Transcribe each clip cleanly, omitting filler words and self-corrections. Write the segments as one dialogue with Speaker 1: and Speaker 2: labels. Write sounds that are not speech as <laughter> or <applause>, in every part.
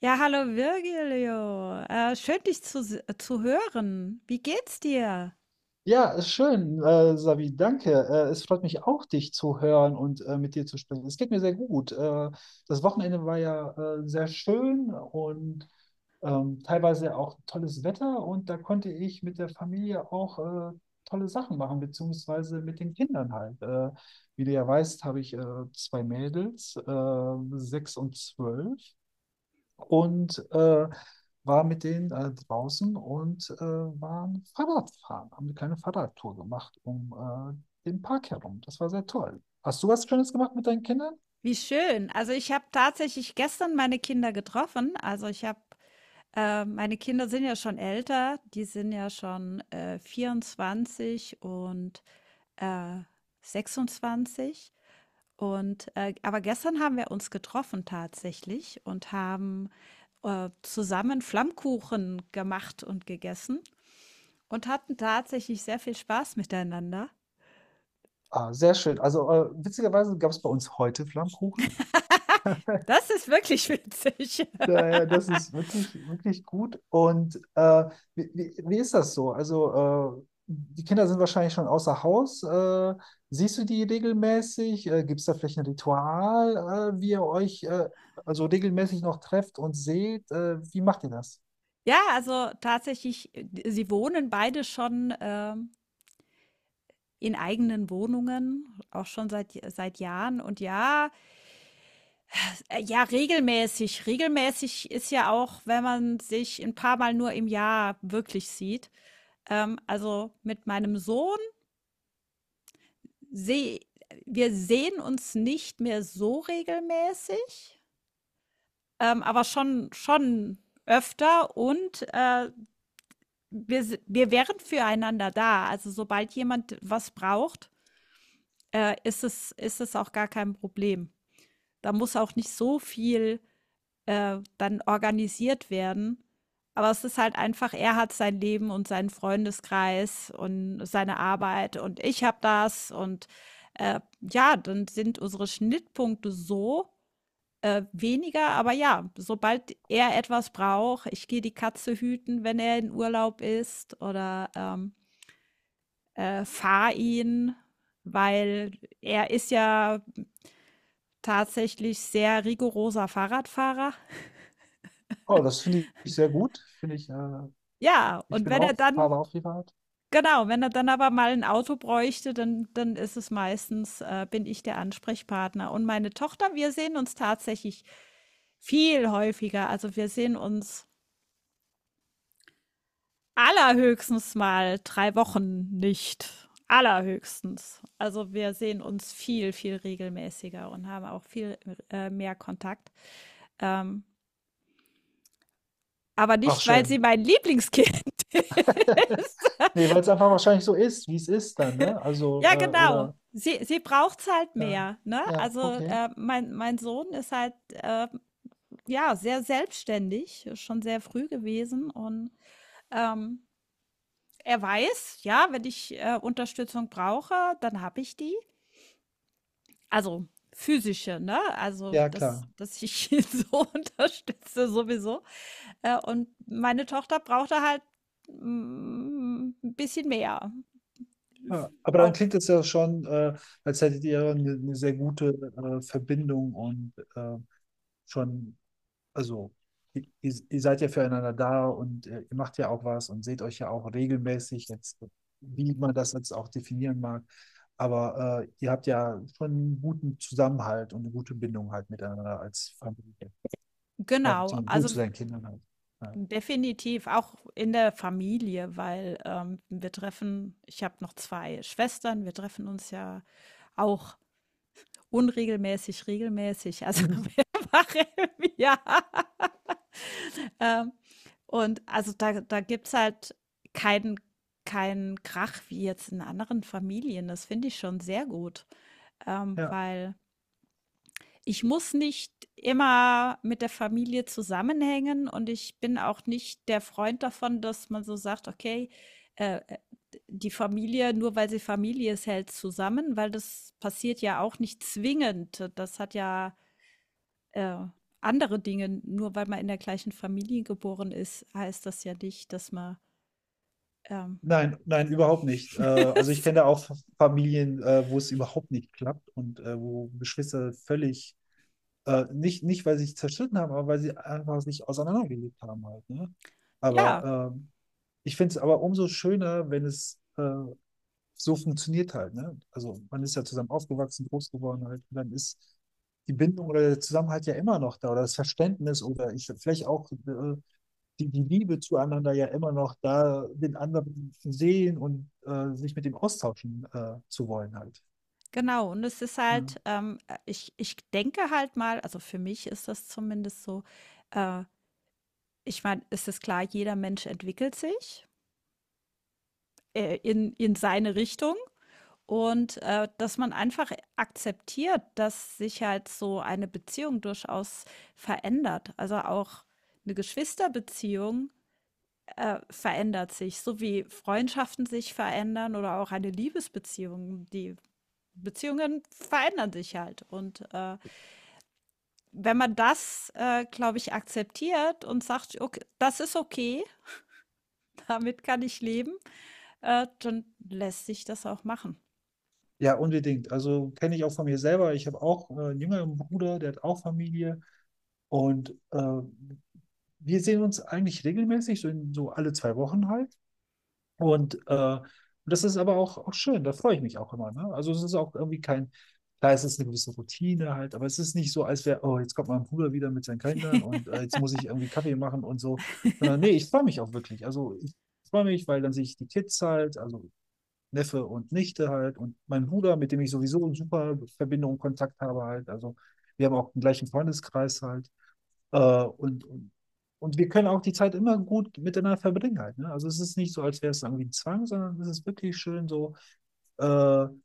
Speaker 1: Ja, hallo Virgilio. Schön, dich zu hören. Wie geht's dir?
Speaker 2: Ja, ist schön, Savi, danke. Es freut mich auch, dich zu hören und mit dir zu sprechen. Es geht mir sehr gut. Das Wochenende war ja sehr schön und teilweise auch tolles Wetter und da konnte ich mit der Familie auch äh, tolle Sachen machen, beziehungsweise mit den Kindern halt. Wie du ja weißt, habe ich zwei Mädels, sechs und 12, und war mit denen draußen und waren Fahrradfahren, haben eine kleine Fahrradtour gemacht um den Park herum. Das war sehr toll. Hast du was Schönes gemacht mit deinen Kindern?
Speaker 1: Wie schön. Also ich habe tatsächlich gestern meine Kinder getroffen. Meine Kinder sind ja schon älter. Die sind ja schon 24 und äh, 26. Und aber gestern haben wir uns getroffen tatsächlich und haben zusammen Flammkuchen gemacht und gegessen. Und hatten tatsächlich sehr viel Spaß miteinander.
Speaker 2: Ah, sehr schön. Also witzigerweise gab es bei uns heute Flammkuchen.
Speaker 1: Das ist wirklich <laughs> witzig.
Speaker 2: Daher, das ist wirklich, wirklich gut. Und wie ist das so? Also, die Kinder sind wahrscheinlich schon außer Haus. Siehst du die regelmäßig? Gibt es da vielleicht ein Ritual, wie ihr euch also regelmäßig noch trefft und seht? Wie macht ihr das?
Speaker 1: Ja, also tatsächlich, äh, Sie wohnen beide schon, in eigenen Wohnungen, auch schon seit Jahren. Und ja, ja, regelmäßig. Regelmäßig ist ja auch, wenn man sich ein paar Mal nur im Jahr wirklich sieht. Also, mit meinem Sohn sehe wir sehen uns nicht mehr so regelmäßig. Aber schon öfter und wir wären füreinander da. Also sobald jemand was braucht, ist es auch gar kein Problem. Da muss auch nicht so viel dann organisiert werden. Aber es ist halt einfach, er hat sein Leben und seinen Freundeskreis und seine Arbeit und ich habe das. Und ja, dann sind unsere Schnittpunkte so, weniger, aber ja, sobald er etwas braucht, ich gehe die Katze hüten, wenn er in Urlaub ist oder, fahre ihn, weil er ist ja tatsächlich sehr rigoroser Fahrradfahrer.
Speaker 2: Oh, das finde ich sehr gut. Finde ich,
Speaker 1: Ja,
Speaker 2: ich
Speaker 1: und
Speaker 2: bin
Speaker 1: wenn er
Speaker 2: auch,
Speaker 1: dann
Speaker 2: habe auch privat.
Speaker 1: Genau, wenn er dann aber mal ein Auto bräuchte, dann ist es meistens bin ich der Ansprechpartner. Und meine Tochter, wir sehen uns tatsächlich viel häufiger. Also, wir sehen uns allerhöchstens mal drei Wochen nicht. Allerhöchstens. Also wir sehen uns viel regelmäßiger und haben auch viel mehr Kontakt. Ähm, aber
Speaker 2: Ach,
Speaker 1: nicht, weil sie
Speaker 2: schön.
Speaker 1: mein Lieblingskind <laughs>
Speaker 2: <laughs> Nee, weil es einfach wahrscheinlich so ist, wie es ist dann, ne? Also,
Speaker 1: ja, genau.
Speaker 2: oder,
Speaker 1: Sie braucht es halt
Speaker 2: ja,
Speaker 1: mehr. Ne?
Speaker 2: ja,
Speaker 1: Also
Speaker 2: okay.
Speaker 1: mein Sohn ist halt ja sehr selbstständig, schon sehr früh gewesen. Und ähm, er weiß, ja, wenn ich Unterstützung brauche, dann habe ich die. Also, physische, ne? Also,
Speaker 2: Ja, klar.
Speaker 1: dass ich ihn so <laughs> unterstütze sowieso. Und meine Tochter brauchte halt, 'n bisschen mehr.
Speaker 2: Ja, aber dann
Speaker 1: Auch
Speaker 2: klingt es ja schon, als hättet ihr eine sehr gute Verbindung und schon, also ihr seid ja füreinander da und ihr macht ja auch was und seht euch ja auch regelmäßig, jetzt, wie man das jetzt auch definieren mag. Aber ihr habt ja schon einen guten Zusammenhalt und eine gute Bindung halt miteinander als Familie.
Speaker 1: genau,
Speaker 2: Du
Speaker 1: also
Speaker 2: zu deinen Kindern halt. Ja.
Speaker 1: definitiv auch in der Familie, weil, wir treffen ich habe noch 2 Schwestern, wir treffen uns ja auch unregelmäßig, regelmäßig, also <laughs>
Speaker 2: Mhm.
Speaker 1: mehrfach im Jahr. <laughs> Ähm, und also da gibt's halt keinen keinen Krach wie jetzt in anderen Familien. Das finde ich schon sehr gut,
Speaker 2: Ja.
Speaker 1: weil ich muss nicht immer mit der Familie zusammenhängen und ich bin auch nicht der Freund davon, dass man so sagt, okay, äh, äh, die Familie, nur weil sie Familie ist, hält zusammen, weil das passiert ja auch nicht zwingend. Das hat ja äh, andere Dinge. Nur weil man in der gleichen Familie geboren ist, heißt das ja nicht, dass man ähm,
Speaker 2: Nein, nein, überhaupt nicht. Also ich
Speaker 1: <laughs>
Speaker 2: kenne da auch Familien, wo es überhaupt nicht klappt und wo Geschwister völlig, nicht weil sie sich zerstritten haben, aber weil sie einfach sich auseinandergelebt haben halt, ne?
Speaker 1: ja,
Speaker 2: Aber ich finde es aber umso schöner, wenn es so funktioniert halt, ne? Also man ist ja zusammen aufgewachsen, groß geworden halt, und dann ist die Bindung oder der Zusammenhalt ja immer noch da oder das Verständnis oder ich vielleicht auch die Liebe zueinander ja immer noch da, den anderen zu sehen und sich mit dem austauschen zu wollen halt.
Speaker 1: genau. Und es ist
Speaker 2: Ja,
Speaker 1: halt, ich denke halt mal, also für mich ist das zumindest so, äh, ich meine, es ist klar, jeder Mensch entwickelt sich in seine Richtung und dass man einfach akzeptiert, dass sich halt so eine Beziehung durchaus verändert. Also auch eine Geschwisterbeziehung verändert sich, so wie Freundschaften sich verändern oder auch eine Liebesbeziehung. Die Beziehungen verändern sich halt. Und wenn man das, glaube ich, akzeptiert und sagt, okay, das ist okay, <laughs> damit kann ich leben, dann lässt sich das auch machen.
Speaker 2: ja, unbedingt. Also kenne ich auch von mir selber. Ich habe auch einen jüngeren Bruder, der hat auch Familie und wir sehen uns eigentlich regelmäßig, so alle 2 Wochen halt. Und das ist aber auch schön, da freue ich mich auch immer. Ne? Also es ist auch irgendwie kein, klar, es ist eine gewisse Routine halt, aber es ist nicht so, als wäre, oh, jetzt kommt mein Bruder wieder mit seinen Kindern und jetzt
Speaker 1: <laughs>
Speaker 2: muss ich irgendwie Kaffee machen und so. Sondern nee, ich freue mich auch wirklich. Also ich freue mich, weil dann sehe ich die Kids halt, also Neffe und Nichte halt und mein Bruder, mit dem ich sowieso eine super Verbindung und Kontakt habe halt. Also wir haben auch den gleichen Freundeskreis halt. Äh, und, und, und wir können auch die Zeit immer gut miteinander verbringen halt, ne? Also es ist nicht so, als wäre es irgendwie ein Zwang, sondern es ist wirklich schön so äh, eine,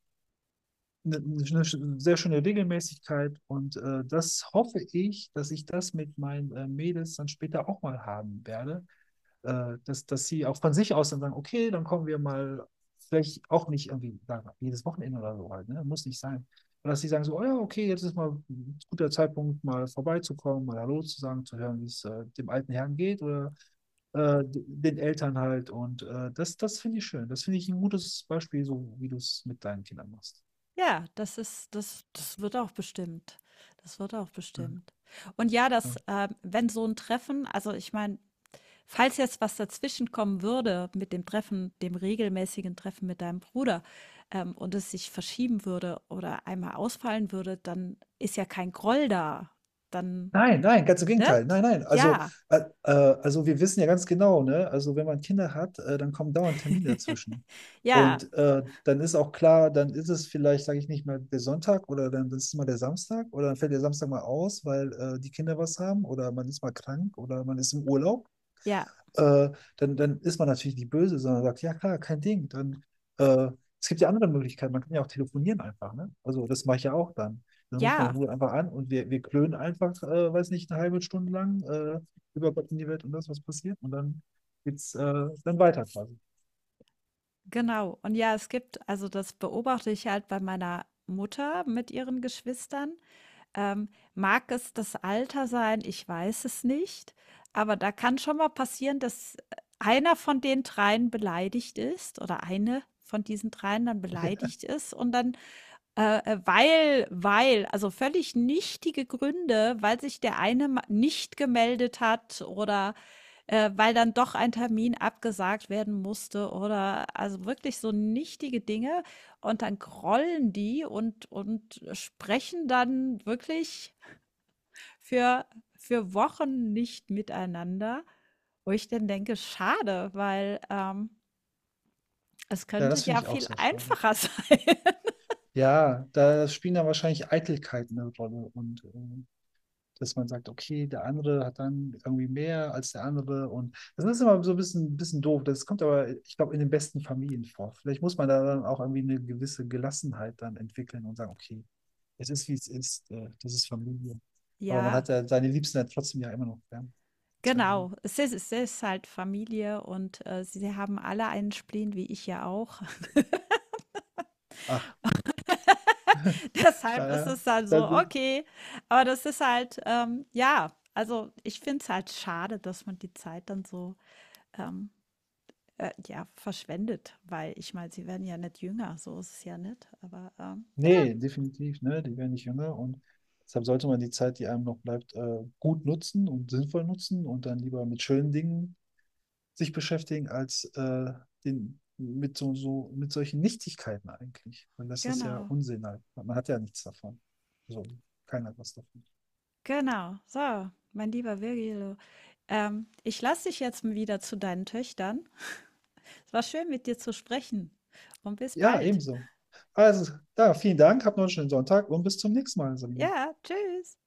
Speaker 2: eine sehr schöne Regelmäßigkeit. Und das hoffe ich, dass ich das mit meinen Mädels dann später auch mal haben werde, dass sie auch von sich aus dann sagen, okay, dann kommen wir mal, vielleicht auch nicht irgendwie sagen, jedes Wochenende oder so halt, ne? Muss nicht sein. Oder dass sie sagen so, oh ja, okay, jetzt ist mal ein guter Zeitpunkt, mal vorbeizukommen, mal Hallo zu sagen, zu hören, wie es dem alten Herrn geht oder den Eltern halt. Und das finde ich schön. Das finde ich ein gutes Beispiel, so wie du es mit deinen Kindern machst.
Speaker 1: Ja, das wird auch bestimmt. Das wird auch
Speaker 2: Ja,
Speaker 1: bestimmt. Und ja,
Speaker 2: ja.
Speaker 1: wenn so ein Treffen also, ich meine, falls jetzt was dazwischenkommen würde mit dem Treffen dem regelmäßigen Treffen mit deinem Bruder, und es sich verschieben würde oder einmal ausfallen würde, dann ist ja kein Groll da. Dann
Speaker 2: Nein, nein, ganz im
Speaker 1: ne?
Speaker 2: Gegenteil. Nein, nein.
Speaker 1: Ja.
Speaker 2: Also wir wissen ja ganz genau, ne? Also wenn man Kinder hat, dann kommen dauernd Termine dazwischen.
Speaker 1: <laughs> Ja,
Speaker 2: Und dann ist auch klar, dann ist es vielleicht, sage ich nicht mal, der Sonntag oder dann ist es mal der Samstag oder dann fällt der Samstag mal aus, weil die Kinder was haben oder man ist mal krank oder man ist im Urlaub,
Speaker 1: ja,
Speaker 2: äh, dann ist man natürlich die böse, sondern sagt, ja klar, kein Ding. Dann, äh, es gibt ja andere Möglichkeiten, man kann ja auch telefonieren einfach, ne? Also das mache ich ja auch dann. Dann rufe ich meinen
Speaker 1: ja.
Speaker 2: Bruder einfach an und wir klönen einfach, weiß nicht, eine halbe Stunde lang über Gott in die Welt und das, was passiert. Und dann geht's dann weiter quasi.
Speaker 1: Genau. Und ja, es gibt also das beobachte ich halt bei meiner Mutter mit ihren Geschwistern. Mag es das Alter sein? Ich weiß es nicht. Aber da kann schon mal passieren, dass einer von den dreien beleidigt ist oder eine von diesen dreien dann beleidigt ist und dann weil also völlig nichtige Gründe, weil sich der eine ma nicht gemeldet hat oder, weil dann doch ein Termin abgesagt werden musste oder also wirklich so nichtige Dinge und dann grollen die und sprechen dann wirklich für für Wochen nicht miteinander, wo ich dann denke: „Schade, weil, es
Speaker 2: Ja,
Speaker 1: könnte
Speaker 2: das finde
Speaker 1: ja
Speaker 2: ich auch
Speaker 1: viel
Speaker 2: sehr schade.
Speaker 1: einfacher <laughs> sein.“
Speaker 2: Ja, da spielen dann wahrscheinlich Eitelkeiten eine Rolle und dass man sagt, okay, der andere hat dann irgendwie mehr als der andere und das ist immer so ein bisschen, bisschen doof. Das kommt aber, ich glaube, in den besten Familien vor. Vielleicht muss man da dann auch irgendwie eine gewisse Gelassenheit dann entwickeln und sagen, okay, es ist, wie es ist, das ist Familie. Aber man
Speaker 1: Ja.
Speaker 2: hat ja seine Liebsten ja trotzdem ja immer noch gern. Seitdem.
Speaker 1: Genau, es ist halt Familie und, sie haben alle einen Spleen, wie ich ja auch. <laughs>
Speaker 2: Ach,
Speaker 1: Deshalb ist
Speaker 2: naja,
Speaker 1: es dann so,
Speaker 2: dann,
Speaker 1: okay. Aber das ist halt, ja also, ich finde es halt schade, dass man die Zeit dann so, ähm, ja, verschwendet, weil ich meine, sie werden ja nicht jünger, so ist es ja nicht. Aber, ja,
Speaker 2: nee, definitiv, ne, die werden nicht jünger und deshalb sollte man die Zeit, die einem noch bleibt, gut nutzen und sinnvoll nutzen und dann lieber mit schönen Dingen sich beschäftigen als den, mit so, so, mit solchen Nichtigkeiten eigentlich. Weil das ist ja
Speaker 1: genau,
Speaker 2: Unsinn halt. Man hat ja nichts davon. So, keiner hat was davon.
Speaker 1: genau. So, mein lieber Virgilio, ich lasse dich jetzt wieder zu deinen Töchtern. Es war schön, mit dir zu sprechen und bis
Speaker 2: Ja,
Speaker 1: bald.
Speaker 2: ebenso. Also, da, vielen Dank, habt noch einen schönen Sonntag und bis zum nächsten Mal, Sabine.
Speaker 1: Ja, tschüss.